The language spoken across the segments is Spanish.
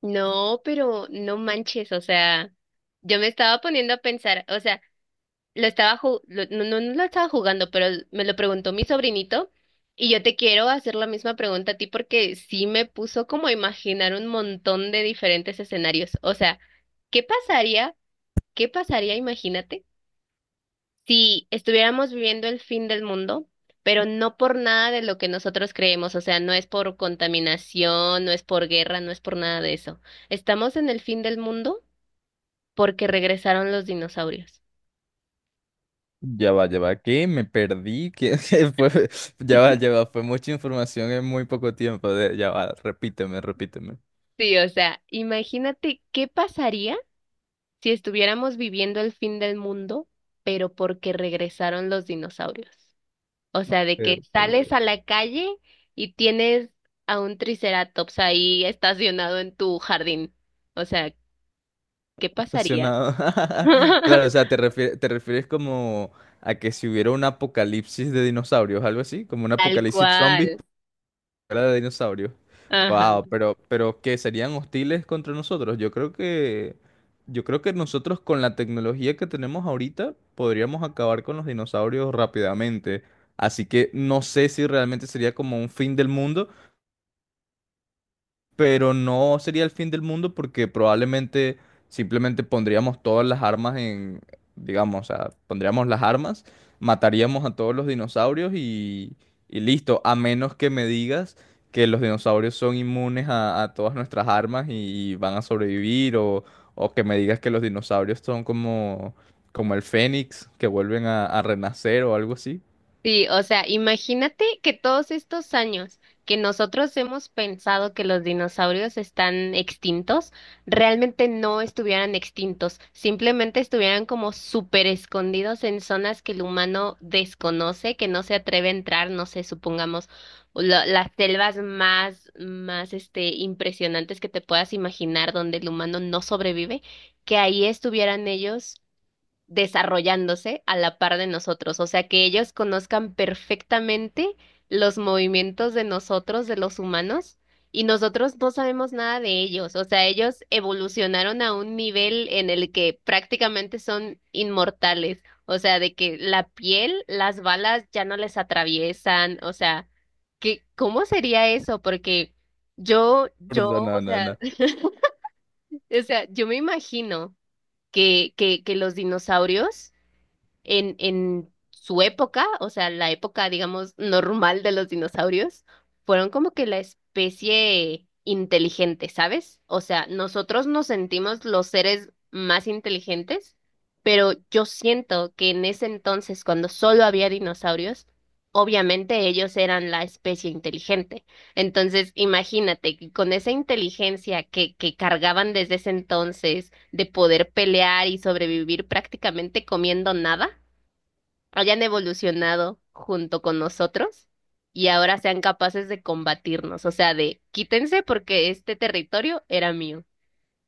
No, pero no manches, o sea, yo me estaba poniendo a pensar, o sea, lo estaba ju- lo- no, no, no lo estaba jugando, pero me lo preguntó mi sobrinito y yo te quiero hacer la misma pregunta a ti porque sí me puso como a imaginar un montón de diferentes escenarios, o sea, ¿qué pasaría? ¿Qué pasaría? Imagínate si estuviéramos viviendo el fin del mundo, pero no por nada de lo que nosotros creemos, o sea, no es por contaminación, no es por guerra, no es por nada de eso. Estamos en el fin del mundo porque regresaron los dinosaurios. Ya va, ¿qué? Me perdí, ¿qué? ¿Qué fue? Ya va, fue mucha información en muy poco tiempo. Ya va, repíteme. Sí, o sea, imagínate qué pasaría si estuviéramos viviendo el fin del mundo, pero porque regresaron los dinosaurios. O sea, de que Pero, ¿por qué? sales a la calle y tienes a un triceratops ahí estacionado en tu jardín. O sea, ¿qué pasaría? Estacionado. Claro, o sea, te refieres como a que si hubiera un apocalipsis de dinosaurios, algo así, como un Tal apocalipsis zombie. cual. Era de dinosaurio. Ajá. Wow, pero que serían hostiles contra nosotros. Yo creo que nosotros con la tecnología que tenemos ahorita podríamos acabar con los dinosaurios rápidamente. Así que no sé si realmente sería como un fin del mundo, pero no sería el fin del mundo porque probablemente simplemente pondríamos todas las armas en, digamos, o sea, pondríamos las armas, mataríamos a todos los dinosaurios y listo, a menos que me digas que los dinosaurios son inmunes a todas nuestras armas y van a sobrevivir o que me digas que los dinosaurios son como, como el fénix, que vuelven a renacer o algo así. Sí, o sea, imagínate que todos estos años que nosotros hemos pensado que los dinosaurios están extintos, realmente no estuvieran extintos, simplemente estuvieran como súper escondidos en zonas que el humano desconoce, que no se atreve a entrar, no sé, supongamos las selvas más, más, este, impresionantes que te puedas imaginar donde el humano no sobrevive, que ahí estuvieran ellos desarrollándose a la par de nosotros, o sea, que ellos conozcan perfectamente los movimientos de nosotros, de los humanos, y nosotros no sabemos nada de ellos, o sea, ellos evolucionaron a un nivel en el que prácticamente son inmortales, o sea, de que la piel, las balas ya no les atraviesan, o sea, que, ¿cómo sería eso? Porque yo, No, o no, no, sea, no. o sea, yo me imagino que los dinosaurios en su época, o sea, la época, digamos, normal de los dinosaurios, fueron como que la especie inteligente, ¿sabes? O sea, nosotros nos sentimos los seres más inteligentes, pero yo siento que en ese entonces, cuando solo había dinosaurios, obviamente ellos eran la especie inteligente. Entonces, imagínate que con esa inteligencia que cargaban desde ese entonces de poder pelear y sobrevivir prácticamente comiendo nada, hayan evolucionado junto con nosotros y ahora sean capaces de combatirnos, o sea, de quítense porque este territorio era mío.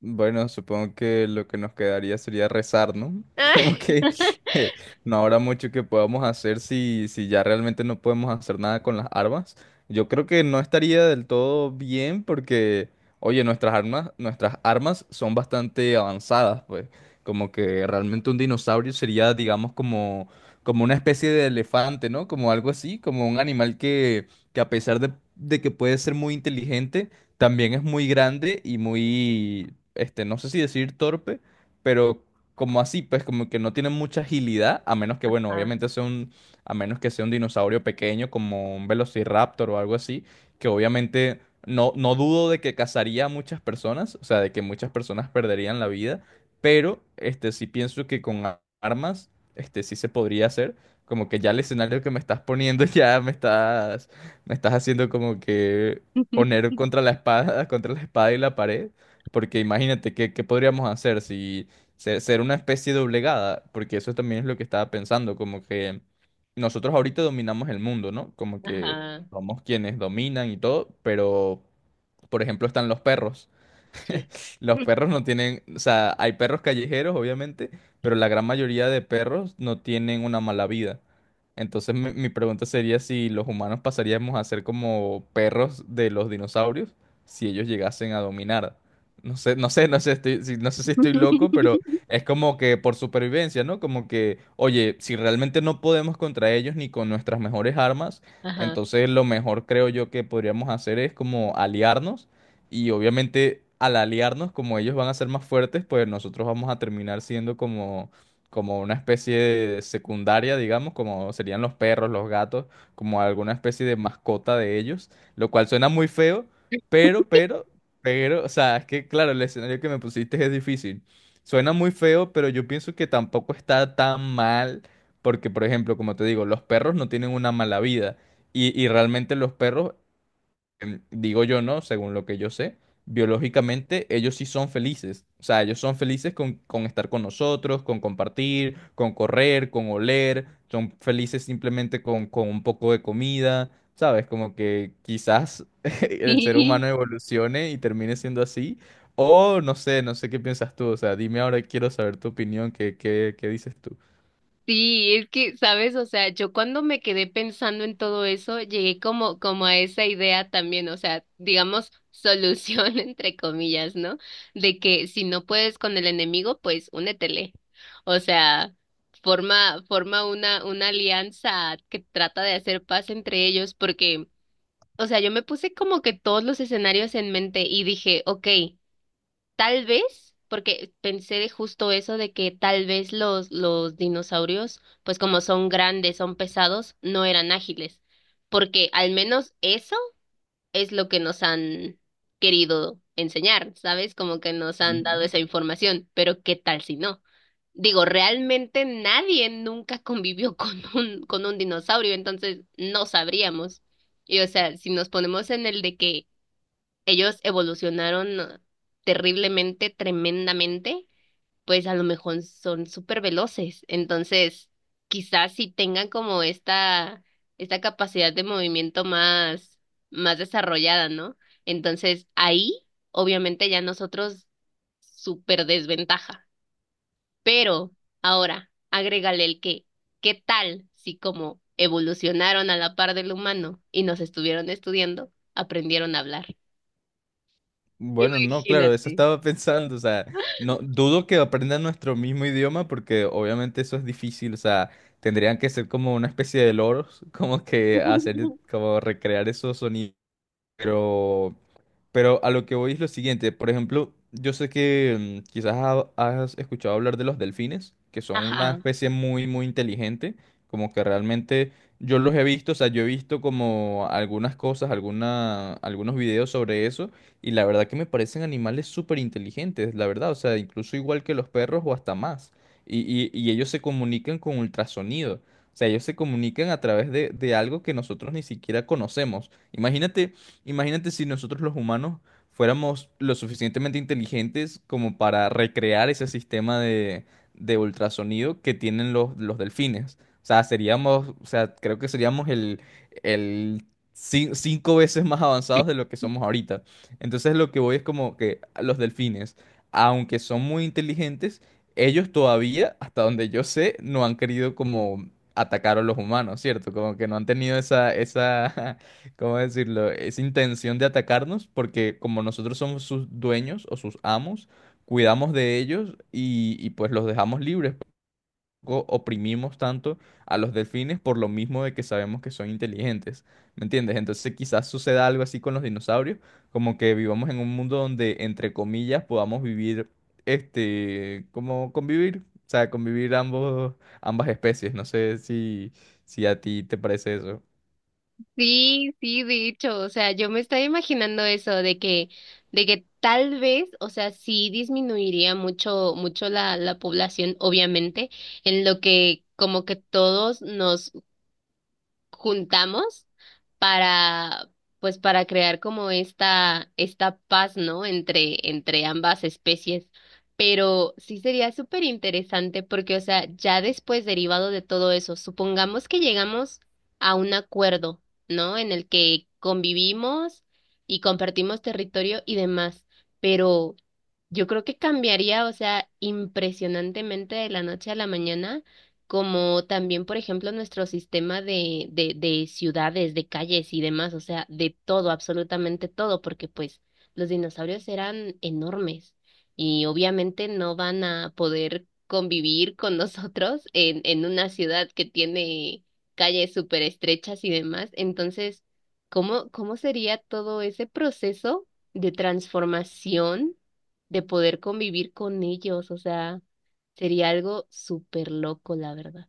Bueno, supongo que lo que nos quedaría sería rezar, ¿no? Como que eh, no habrá mucho que podamos hacer si, si ya realmente no podemos hacer nada con las armas. Yo creo que no estaría del todo bien porque, oye, nuestras armas son bastante avanzadas, pues. Como que realmente un dinosaurio sería, digamos, como, como una especie de elefante, ¿no? Como algo así, como un animal que a pesar de que puede ser muy inteligente también es muy grande y muy, este, no sé si decir torpe, pero como así, pues como que no tiene mucha agilidad, a menos que, bueno, Ah, obviamente sea un, a menos que sea un dinosaurio pequeño como un Velociraptor o algo así, que obviamente no dudo de que cazaría a muchas personas, o sea, de que muchas personas perderían la vida, pero, este, sí pienso que con armas, este, sí se podría hacer, como que ya el escenario que me estás poniendo ya me estás... Me estás haciendo como que poner contra la espada, contra la espada y la pared, porque imagínate qué podríamos hacer si ser una especie doblegada, porque eso también es lo que estaba pensando, como que nosotros ahorita dominamos el mundo, ¿no? Como que ajá, somos quienes dominan y todo, pero por ejemplo están los perros. sí. Los perros no tienen, o sea, hay perros callejeros, obviamente, pero la gran mayoría de perros no tienen una mala vida. Entonces mi pregunta sería si los humanos pasaríamos a ser como perros de los dinosaurios si ellos llegasen a dominar. No sé, no sé, no sé, no sé si estoy loco, pero es como que por supervivencia, ¿no? Como que, oye, si realmente no podemos contra ellos ni con nuestras mejores armas, Ajá. entonces lo mejor creo yo que podríamos hacer es como aliarnos y obviamente al aliarnos, como ellos van a ser más fuertes, pues nosotros vamos a terminar siendo como, como una especie de secundaria, digamos, como serían los perros, los gatos, como alguna especie de mascota de ellos, lo cual suena muy feo, pero, pero, o sea, es que claro, el escenario que me pusiste es difícil. Suena muy feo, pero yo pienso que tampoco está tan mal, porque por ejemplo, como te digo, los perros no tienen una mala vida. Y realmente los perros digo yo, ¿no? Según lo que yo sé, biológicamente ellos sí son felices. O sea, ellos son felices con estar con nosotros, con compartir, con correr, con oler. Son felices simplemente con un poco de comida. ¿Sabes? Como que quizás el ser humano evolucione y termine siendo así. O no sé, no sé qué piensas tú. O sea, dime ahora, quiero saber tu opinión, qué dices tú? Sí, es que, ¿sabes? O sea, yo cuando me quedé pensando en todo eso, llegué como, como a esa idea también, o sea, digamos, solución entre comillas, ¿no? De que si no puedes con el enemigo, pues únetele. O sea, forma una alianza que trata de hacer paz entre ellos, porque, o sea, yo me puse como que todos los escenarios en mente y dije, ok. Tal vez, porque pensé de justo eso de que tal vez los dinosaurios, pues como son grandes, son pesados, no eran ágiles, porque al menos eso es lo que nos han querido enseñar, ¿sabes? Como que nos han dado esa información, pero ¿qué tal si no? Digo, realmente nadie nunca convivió con un dinosaurio, entonces no sabríamos. Y o sea, si nos ponemos en el de que ellos evolucionaron terriblemente, tremendamente, pues a lo mejor son súper veloces. Entonces, quizás si tengan como esta capacidad de movimiento más, más desarrollada, ¿no? Entonces, ahí, obviamente, ya nosotros súper desventaja. Pero ahora, agrégale el que, ¿qué tal si como evolucionaron a la par del humano y nos estuvieron estudiando, aprendieron a hablar? Bueno, no, claro, eso Imagínate. estaba pensando, o sea, no dudo que aprendan nuestro mismo idioma porque obviamente eso es difícil, o sea, tendrían que ser como una especie de loros, como que hacer, como recrear esos sonidos, pero a lo que voy es lo siguiente. Por ejemplo, yo sé que quizás has escuchado hablar de los delfines, que son una Ajá. especie muy inteligente. Como que realmente yo los he visto, o sea, yo he visto como algunas cosas, alguna, algunos videos sobre eso, y la verdad que me parecen animales súper inteligentes, la verdad, o sea, incluso igual que los perros o hasta más. Y ellos se comunican con ultrasonido, o sea, ellos se comunican a través de algo que nosotros ni siquiera conocemos. Imagínate. Imagínate si nosotros los humanos fuéramos lo suficientemente inteligentes como para recrear ese sistema de ultrasonido que tienen los delfines. O sea, seríamos, o sea, creo que seríamos el 5 veces más avanzados de lo que somos ahorita. Entonces lo que voy es como que los delfines, aunque son muy inteligentes, ellos todavía, hasta donde yo sé, no han querido como atacar a los humanos, ¿cierto? Como que no han tenido esa, esa ¿cómo decirlo? Esa intención de atacarnos, porque como nosotros somos sus dueños o sus amos, cuidamos de ellos y pues los dejamos libres. Tampoco oprimimos tanto a los delfines por lo mismo de que sabemos que son inteligentes, ¿me entiendes? Entonces quizás suceda algo así con los dinosaurios, como que vivamos en un mundo donde, entre comillas, podamos vivir, este, como convivir, o sea, convivir ambos, ambas especies. No sé si, si a ti te parece eso. Sí, sí, de hecho, o sea, yo me estaba imaginando eso de que tal vez, o sea, sí disminuiría mucho, mucho la, la población, obviamente, en lo que como que todos nos juntamos para, pues, para crear como esta paz, ¿no? Entre, entre ambas especies. Pero sí sería súper interesante porque, o sea, ya después derivado de todo eso, supongamos que llegamos a un acuerdo, ¿no? En el que convivimos y compartimos territorio y demás. Pero yo creo que cambiaría, o sea, impresionantemente de la noche a la mañana, como también, por ejemplo, nuestro sistema de ciudades, de calles y demás, o sea, de todo, absolutamente todo, porque pues los dinosaurios eran enormes y obviamente no van a poder convivir con nosotros en una ciudad que tiene calles súper estrechas y demás. Entonces, ¿cómo, cómo sería todo ese proceso de transformación? De poder convivir con ellos, o sea, sería algo súper loco, la verdad.